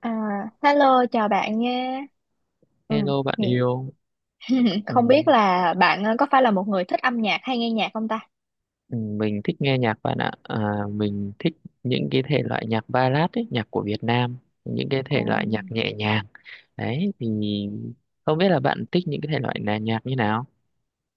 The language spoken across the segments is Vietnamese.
À, hello chào bạn nha. Ừ, Hello bạn thì- yêu. Ừ, không biết là bạn có phải là một người thích âm nhạc hay nghe nhạc không ta? ừ, mình thích nghe nhạc bạn ạ. À, mình thích những cái thể loại nhạc ballad ấy, nhạc của Việt Nam, những cái Ồ. thể loại nhạc nhẹ nhàng. Đấy thì không biết là bạn thích những cái thể loại là nhạc như nào?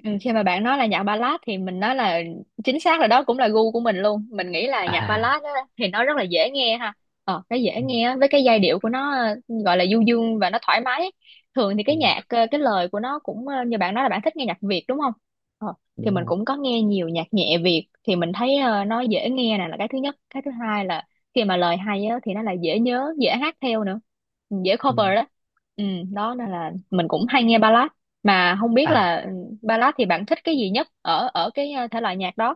Ừ, khi mà bạn nói là nhạc ballad thì mình nói là chính xác là đó cũng là gu của mình luôn. Mình nghĩ là nhạc À, ballad á, thì nó rất là dễ nghe ha. Cái dễ ừ, nghe á, với cái giai điệu của nó, gọi là du dương và nó thoải mái. Thường thì cái ừ, nhạc, cái lời của nó cũng, như bạn nói là bạn thích nghe nhạc Việt đúng không? ờ, thì đúng mình rồi. cũng có nghe nhiều nhạc nhẹ Việt, thì mình thấy nó dễ nghe nè, là cái thứ nhất. Cái thứ hai là khi mà lời hay á, thì nó là dễ nhớ, dễ hát theo nữa. Ừ, dễ Ừ. cover đó. ừ, Đó nên là mình cũng hay nghe ballad. Mà không biết À, là ballad thì bạn thích cái gì nhất ở ở cái, thể loại nhạc đó?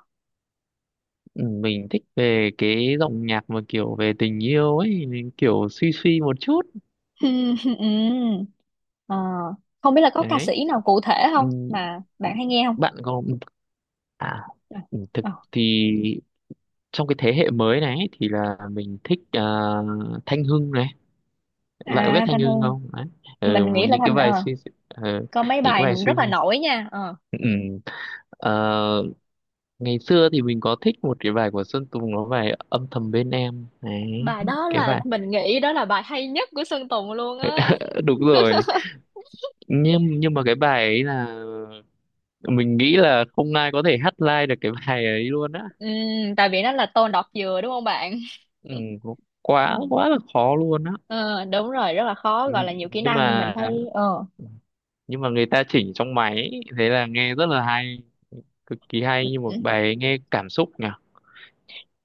ừ, mình thích về cái dòng nhạc mà kiểu về tình yêu ấy, kiểu suy suy một chút. Ừm. Ờ, không biết là có ca Đấy. sĩ nào cụ thể Ừ, không mà bạn hay nghe không? bạn có à, Ờ. thực Ờ. thì trong cái thế hệ mới này ấy, thì là mình thích à, Thanh Hưng này, bạn có biết À, Thanh Thanh Hưng Hương, không đấy? Ừ, mình nghĩ là những cái Thanh bài suy, ờ, có mấy những cái bài bài suy. rất là nổi nha. Ờ. Ừ. Ờ, ngày xưa thì mình có thích một cái bài của Sơn Tùng, nó bài âm thầm bên em đấy, Bài đó cái là bài, mình nghĩ đó là bài hay nhất của Sơn Tùng luôn á. đúng rồi, nhưng mà cái bài ấy là mình nghĩ là không ai có thể hát live được cái bài ấy luôn á. Ừm, Tại vì nó là tô đọt dừa đúng không bạn? Ừ, quá Ừm. quá là khó luôn á. Ờ, đúng rồi, rất là khó, Ừ, gọi là nhiều kỹ nhưng năng mình mà, thấy. ờ nhưng mà người ta chỉnh trong máy, thế là nghe rất là hay, cực kỳ hay, như một bài ấy nghe cảm xúc nhỉ.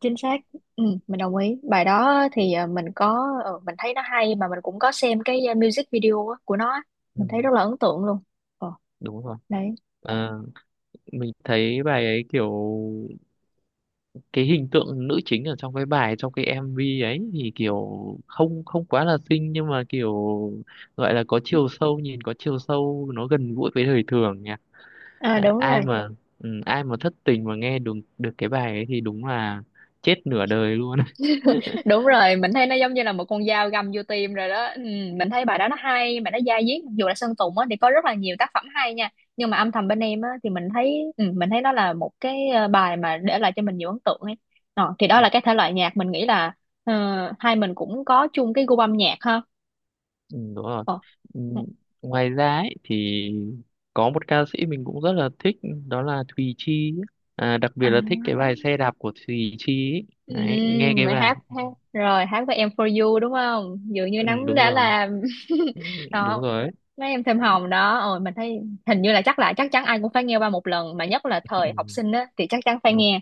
Chính xác. Ừ, mình đồng ý. Bài đó thì, mình có, mình thấy nó hay, mà mình cũng có xem cái, music video á, của nó á. Ừ, Mình thấy rất là ấn tượng luôn. ờ đúng rồi. Đấy. À, mình thấy bài ấy kiểu cái hình tượng nữ chính ở trong cái bài, trong cái MV ấy thì kiểu không không quá là xinh nhưng mà kiểu gọi là có chiều sâu, nhìn có chiều sâu, nó gần gũi với đời thường nhỉ. À, À, đúng rồi. ai mà, ừ, ai mà thất tình mà nghe được được cái bài ấy thì đúng là chết nửa đời luôn. Đúng rồi, mình thấy nó giống như là một con dao găm vô tim rồi đó. Ừ, mình thấy bài đó nó hay mà nó dai dứt. Dù là Sơn Tùng á thì có rất là nhiều tác phẩm hay nha, nhưng mà âm thầm bên em á thì mình thấy, mình thấy nó là một cái, bài mà để lại cho mình nhiều ấn tượng ấy. Ờ, thì đó là cái thể loại nhạc mình nghĩ là, ờ, hai mình cũng có chung cái gu âm nhạc ha. Ừ, đúng rồi. Ờ. Ừ, ừ. ngoài ra ấy, thì có một ca sĩ mình cũng rất là thích, đó là Thùy Chi ấy. À, đặc À. biệt là thích cái bài xe đạp của Thùy Chi ấy. Ừ, Đấy, nghe cái mà bài, hát hát rồi hát với em for you đúng không? Dường như ừ, nắng đúng đã rồi. làm Ừ, đúng đó. rồi ấy. Mấy em thêm hồng đó, ôi mình thấy hình như là chắc chắn ai cũng phải nghe qua một lần, mà nhất là thời học Ừ, sinh á thì chắc chắn phải đúng. nghe.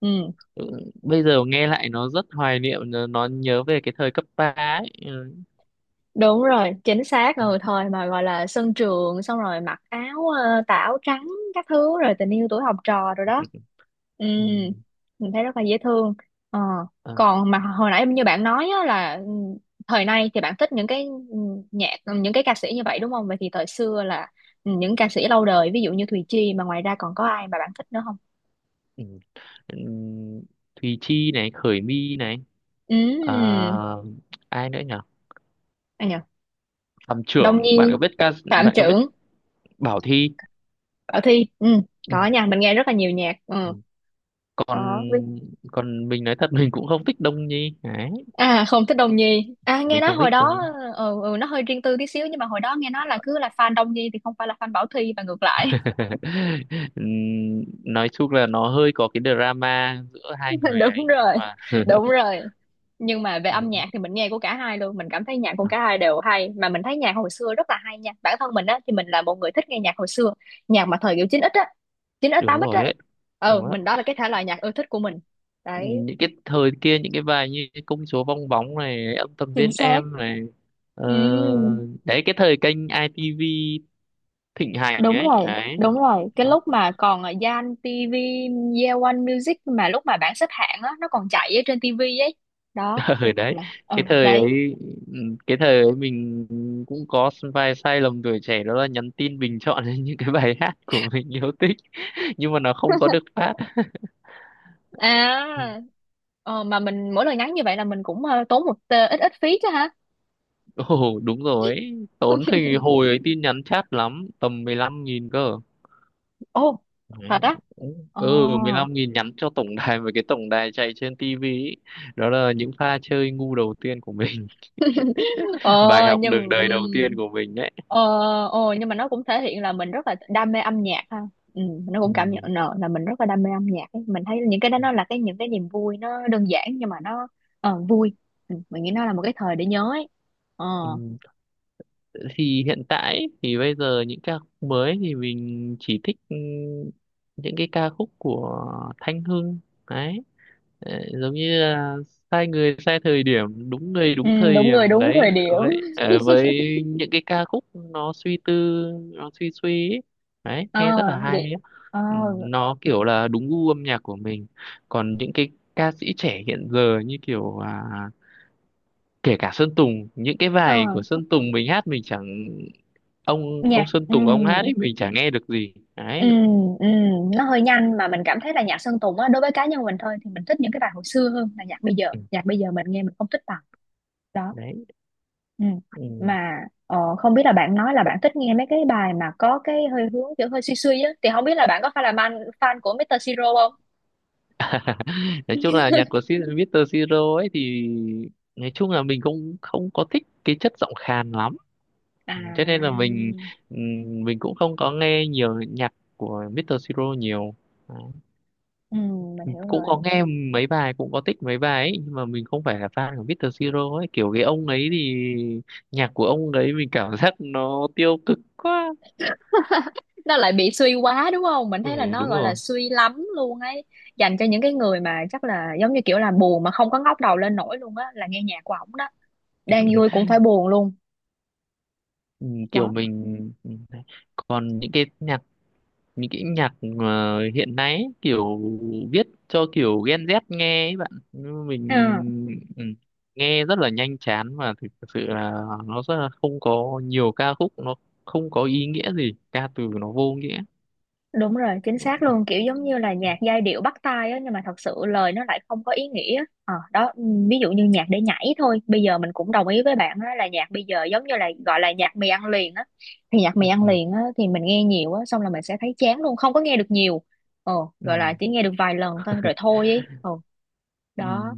Ừ. Ừ, bây giờ nghe lại nó rất hoài niệm, nó nhớ về cái thời cấp ba ấy. Ừ. Đúng rồi, chính xác. Ừ, thời mà gọi là sân trường, xong rồi mặc áo, tà áo trắng các thứ, rồi tình yêu tuổi học trò rồi đó. ừ, Ừ, ừ, mình thấy rất là dễ thương. ờ ờ, Còn mà hồi nãy như bạn nói á, là, thời nay thì bạn thích những cái, ừ, nhạc, những cái ca sĩ như vậy đúng không? Vậy thì thời xưa là, những ca sĩ lâu đời ví dụ như Thùy Chi, mà ngoài ra còn có ai mà bạn thích nữa không? ừ. Ừ, Thùy Chi này, Khởi My này, ừ à, ai nữa nhỉ? Ai nhờ. Phạm Đông Trưởng, bạn Nhi. có biết ca, Phạm bạn có biết Trưởng. Bảo Thy? Bảo Thi. Ừ Ừ. có nha, mình nghe rất là nhiều nhạc. Ừ. Ừ còn có. còn mình nói thật, mình cũng không thích Đông Nhi đấy. À, không thích Đông Nhi. À, nghe Mình nói không hồi thích đó, Đông. Nó hơi riêng tư tí xíu. Nhưng mà hồi đó nghe nói là cứ là fan Đông Nhi thì không phải là fan Bảo Thy và ngược lại. Ừm, nói chung là nó hơi có cái drama giữa hai người Đúng ấy nhưng rồi. mà Đúng rồi. Nhưng mà về ừ, âm nhạc thì mình nghe của cả hai luôn. Mình cảm thấy nhạc của à, cả hai đều hay. Mà mình thấy nhạc hồi xưa rất là hay nha. Bản thân mình á thì mình là một người thích nghe nhạc hồi xưa. Nhạc mà thời kiểu chín x á, chín x đúng tám x rồi á. ấy, đúng đó. Mình, đó là cái thể loại nhạc ưa thích của mình. Đấy. Những cái thời kia, những cái bài như cái công chúa bong bóng này, ông tầm Chính viên xác. em này, ờ, Ừ. đấy cái thời kênh i ITV thịnh hành Đúng ấy rồi, đấy đúng rồi, cái đó. lúc mà còn ở Zan TV, Yeon Music, mà lúc mà bảng xếp hạng á nó còn chạy ở trên TV ấy. Đó Ừ đấy, là cái thời đấy. ấy, ừ, cái thời ấy mình cũng có vài sai lầm tuổi trẻ, đó là nhắn tin bình chọn lên những cái bài hát của mình yêu thích, nhưng mà nó không có được phát. à Ừ. Mà mình mỗi lần nhắn như vậy là mình cũng, tốn một, ít ít phí chứ hả. Ồ đúng rồi ấy. Tốn thì hồi ấy tin nhắn chat lắm, tầm 15.000 cơ. Ồ, Đấy. thật á. Ờ Ừ, 15.000 nhắn cho tổng đài, với cái tổng đài chạy trên tivi ý. Đó là những pha chơi ngu đầu tiên của mình. ờ Bài học nhưng đường đời đầu tiên ừm, của mình đấy. ờ, nhưng mà nó cũng thể hiện là mình rất là đam mê âm nhạc ha. ừ, nó cũng cảm nhận nợ là mình rất là đam mê âm nhạc ấy. Mình thấy những cái đó nó là cái những cái niềm vui, nó đơn giản, nhưng mà nó, vui. Mình nghĩ nó là một cái thời để nhớ ấy. ờ Ừ. Thì hiện tại thì bây giờ những ca khúc mới thì mình chỉ thích, ừ, những cái ca khúc của Thanh Hưng đấy. Ờ, giống như là sai người sai thời điểm, đúng người ừ, đúng thời Đúng điểm người đúng đấy, thời điểm. với ờ, với những cái ca khúc nó suy tư, nó suy suy ấy. Đấy ờ nghe rất là hay vậy ấy. ờ Ừ, nó kiểu là đúng gu âm nhạc của mình. Còn những cái ca sĩ trẻ hiện giờ như kiểu à, kể cả Sơn Tùng, những cái ờ bài của Sơn Tùng mình hát mình chẳng, ông nhạc ông Sơn ừ. Tùng ông hát ấy mình chẳng nghe được gì Ừ, đấy. ừ, nó hơi nhanh, mà mình cảm thấy là nhạc Sơn Tùng á, đối với cá nhân mình thôi, thì mình thích những cái bài hồi xưa hơn là nhạc bây giờ. Ừ, Nhạc bây giờ mình nghe mình không thích bằng. Đó. đấy. Ừ. Ừ. Mà, không biết là bạn nói là bạn thích nghe mấy cái bài mà có cái hơi hướng kiểu hơi suy suy á, thì không biết là bạn có phải là fan fan của Mr. Siro không? Nói chung là nhạc của Mr. Siro ấy thì nói chung là mình cũng không có thích cái chất giọng khàn lắm, cho nên là À, mình, ừ, mình cũng không có nghe nhiều nhạc của Mr. Siro nhiều. ừ, mình hiểu Cũng có rồi. nghe mấy bài, cũng có thích mấy bài ấy nhưng mà mình không phải là fan của Mr. Siro ấy, kiểu cái ông ấy thì nhạc của ông đấy mình cảm giác nó tiêu cực quá. Nó lại bị suy quá đúng không? Mình thấy là Ừ, nó đúng gọi là rồi. suy lắm luôn ấy, dành cho những cái người mà chắc là giống như kiểu là buồn mà không có ngóc đầu lên nổi luôn á, là nghe nhạc của ổng. Đang vui cũng phải buồn luôn. Ừ, kiểu Đó. mình, còn những cái nhạc, những cái nhạc mà hiện nay ấy, kiểu viết cho kiểu Gen Z nghe ấy bạn. Nhưng Ờ, mình, ừ, nghe rất là nhanh chán, và thực sự là nó rất là, không có nhiều ca khúc, nó không có ý nghĩa gì, ca từ nó vô nghĩa. đúng rồi, chính Ừ, xác luôn, kiểu giống như là nhạc giai điệu bắt tai á, nhưng mà thật sự lời nó lại không có ý nghĩa. Ờ, đó. Ừ, Ví dụ như nhạc để nhảy thôi. Bây giờ mình cũng đồng ý với bạn á, là nhạc bây giờ giống như là gọi là nhạc mì ăn liền á. Thì nhạc mì ăn liền á thì mình nghe nhiều á, xong là mình sẽ thấy chán luôn, không có nghe được nhiều. ờ ừ, Gọi là chỉ nghe được vài lần thôi rồi thôi ấy. Ờ ừ. Đó.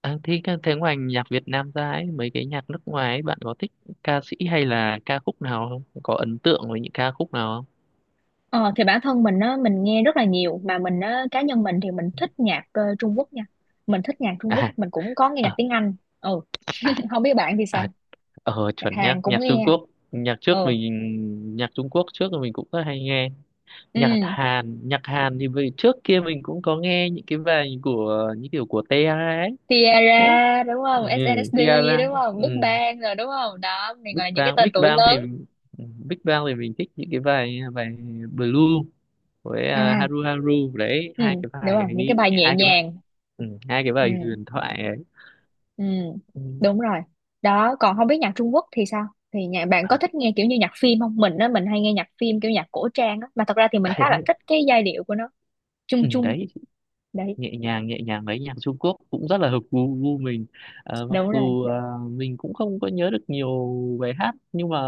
À, thế, thế ngoài nhạc Việt Nam ra ấy, mấy cái nhạc nước ngoài ấy, bạn có thích ca sĩ hay là ca khúc nào không? Có ấn tượng với những ca khúc nào không? Ờ, thì bản thân mình á, mình nghe rất là nhiều, mà mình á, cá nhân mình thì mình thích nhạc, Trung Quốc nha. Mình thích nhạc Trung Quốc, À, mình cũng có nghe nhạc ờ, tiếng Anh. Ừ. à, Không biết bạn thì sao? à, ờ, Nhạc chuẩn nhá, Hàn cũng nhạc Trung nghe. Quốc. Nhạc trước Ừ. mình, nhạc Trung Quốc trước thì mình cũng rất hay nghe. Ừ. Nhạc Hàn thì vì trước kia mình cũng có nghe những cái bài của, những kiểu của Tiara ấy. Đấy. Tiara đúng Ừ, không? SNSD Tiara. đúng không? Ừ. Big Bang rồi đúng không? Đó, này gọi Big là những cái Bang, tên Big tuổi Bang thì, lớn. Big Bang thì mình thích những cái bài bài Blue với à, À, Haru Haru đấy, ừ, hai cái đúng bài không? Những cái ấy, bài nhẹ hai cái bài, nhàng. ừ, hai cái Ừ. bài huyền thoại ấy. Ừ, Ừ, đúng rồi. Đó, còn không biết nhạc Trung Quốc thì sao? Thì nhà bạn có à, thích nghe kiểu như nhạc phim không? Mình á, mình hay nghe nhạc phim kiểu nhạc cổ trang á, mà thật ra thì mình đấy khá là đấy, thích cái giai điệu của nó, chung ừ, chung. đấy Đấy, nhẹ nhàng, nhẹ nhàng đấy, nhạc Trung Quốc cũng rất là hợp gu, gu mình. Ờ, mặc đúng rồi. dù à, mình cũng không có nhớ được nhiều bài hát nhưng mà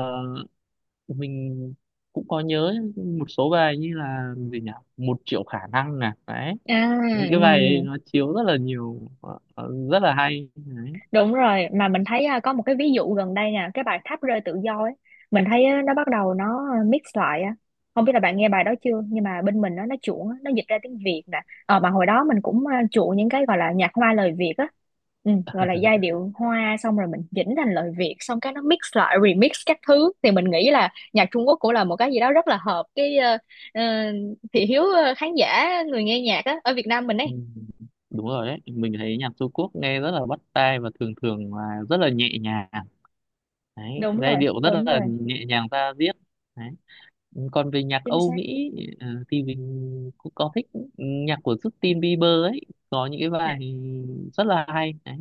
mình cũng có nhớ một số bài như là gì nhỉ, 1.000.000 khả năng nè đấy, À, những cái ừ. bài ấy nó chiếu rất là nhiều, ờ, ờ, rất là hay đấy. Đúng rồi, mà mình thấy à, có một cái ví dụ gần đây nè, cái bài Tháp rơi tự do ấy, mình thấy á, nó bắt đầu nó à, mix lại á. Không biết là bạn nghe bài đó chưa, nhưng mà bên mình á, nó chuộng á, nó dịch ra tiếng Việt nè. Ờ mà hồi đó mình cũng à, chuộng những cái gọi là nhạc hoa lời Việt á. Ừ, gọi là giai điệu hoa, xong rồi mình chỉnh thành lời Việt, xong cái nó mix lại remix các thứ. Thì mình nghĩ là nhạc Trung Quốc cũng là một cái gì đó rất là hợp cái, ờ, thị hiếu, khán giả người nghe nhạc á ở Việt Nam mình Ừ, ấy. đúng rồi đấy, mình thấy nhạc Trung Quốc nghe rất là bắt tai và thường thường là rất là nhẹ nhàng đấy, giai điệu rất Đúng là rồi, nhẹ nhàng ra diết đấy. Còn về nhạc chính Âu xác. Mỹ, ờ, thì mình cũng có thích nhạc của Justin Bieber ấy, có những cái À, bài rất là hay đấy,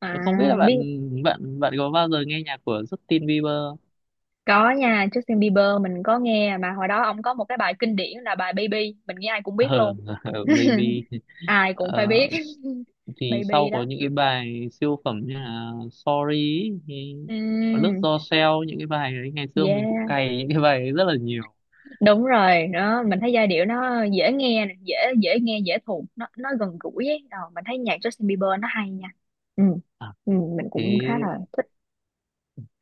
à, không biết là bạn, biết. bạn có bao giờ nghe nhạc của Justin Bieber không? Có nha, Justin Bieber mình có nghe, mà hồi đó ông có một cái bài kinh điển là bài Baby, mình nghĩ ai cũng biết Ờ, luôn. baby. Ai cũng phải Ờ, biết. thì Baby sau có đó. những cái bài siêu phẩm như là Sorry ý, thì có lướt Ừm, do seo, những cái bài đấy ngày xưa mình cũng yeah, cày những cái bài ấy rất là nhiều. đúng rồi, đó mình thấy giai điệu nó dễ nghe nè, dễ dễ nghe, dễ thuộc, nó gần gũi ấy. Ờ, mình thấy nhạc Justin Bieber nó hay nha. Ừ. À, Ừ, mình cũng khá thế là thích.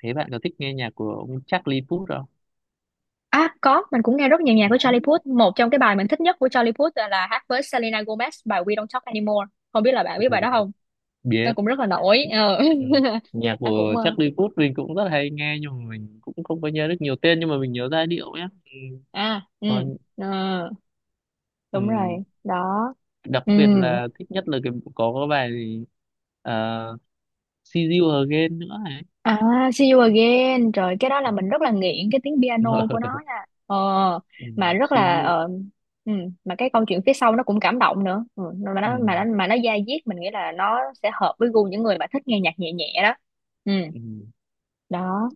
thế bạn có thích nghe nhạc của ông Charlie Puth không? À có, mình cũng nghe rất nhiều nhạc của Đấy. Charlie Puth. Một trong cái bài mình thích nhất của Charlie Puth là hát với Selena Gomez bài We Don't Talk Anymore. Không biết là bạn biết bài Ồ, đó không? Nó biết. cũng rất là nổi. Ờ Ừ. Nhạc Nó cũng, của Charlie Puth mình cũng rất hay nghe nhưng mà mình cũng không có nhớ được nhiều tên nhưng mà mình nhớ giai điệu nhé. Ừ. à ừ Còn, ờ, ừ. đúng rồi đó. Đặc ừ biệt là thích nhất là cái, có cái bài gì, uh, See You Again nữa ấy. à See You Again, trời, cái đó là mình rất là nghiện cái tiếng piano của nó nha. Ờ Ừ. mà rất See là, You, ừ, mà cái câu chuyện phía sau nó cũng cảm động nữa. Ừ, mà nó mà nó ừ. mà nó da diết, mình nghĩ là nó sẽ hợp với gu những người mà thích nghe nhạc nhẹ nhẹ đó. ừ Ừ, Đó,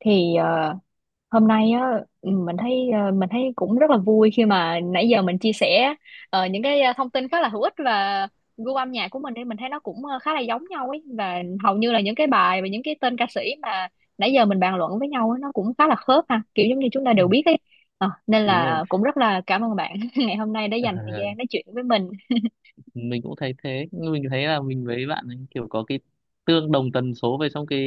thì, hôm nay á, mình thấy, mình thấy cũng rất là vui khi mà nãy giờ mình chia sẻ, những cái, thông tin khá là hữu ích, và gu âm nhạc của mình thì mình thấy nó cũng, khá là giống nhau ấy, và hầu như là những cái bài và những cái tên ca sĩ mà nãy giờ mình bàn luận với nhau ấy, nó cũng khá là khớp ha, kiểu giống như chúng ta ừ, đều biết ấy. Ờ, nên đúng rồi. là cũng rất là cảm ơn bạn ngày hôm nay đã Ờ, dành thời gian nói chuyện với mình. mình cũng thấy thế. Nhưng mình thấy là mình với bạn ấy kiểu có cái tương đồng tần số về trong cái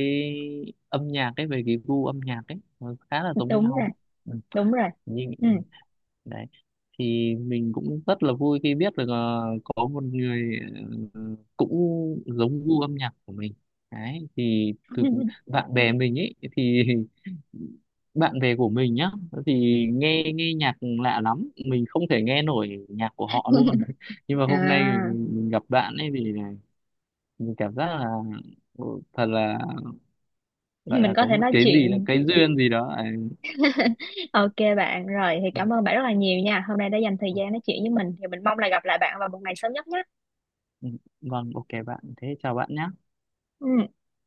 âm nhạc ấy, về cái gu âm nhạc ấy nó khá là giống Đúng nhau. rồi. Ừ, Đúng rồi. nhưng Ừ. đấy, thì mình cũng rất là vui khi biết được ờ, có một người ờ, cũng giống gu âm nhạc của mình đấy. Thì thực bạn bè mình ấy thì, bạn bè của mình nhá, thì nghe, nghe nhạc lạ lắm, mình không thể nghe nổi nhạc của họ luôn. Nhưng mà hôm nay À, mình, gặp bạn ấy thì mình cảm giác là, ừ, thật là gọi mình là có có thể một nói cái gì là chuyện. cái duyên gì đó. Ok bạn, rồi thì cảm ơn bạn rất là nhiều nha. Hôm nay đã dành thời gian nói chuyện với mình, thì mình mong là gặp lại bạn vào một ngày sớm nhất nhé. Ừ, vâng, ok bạn, thế chào bạn nhé. Ừ.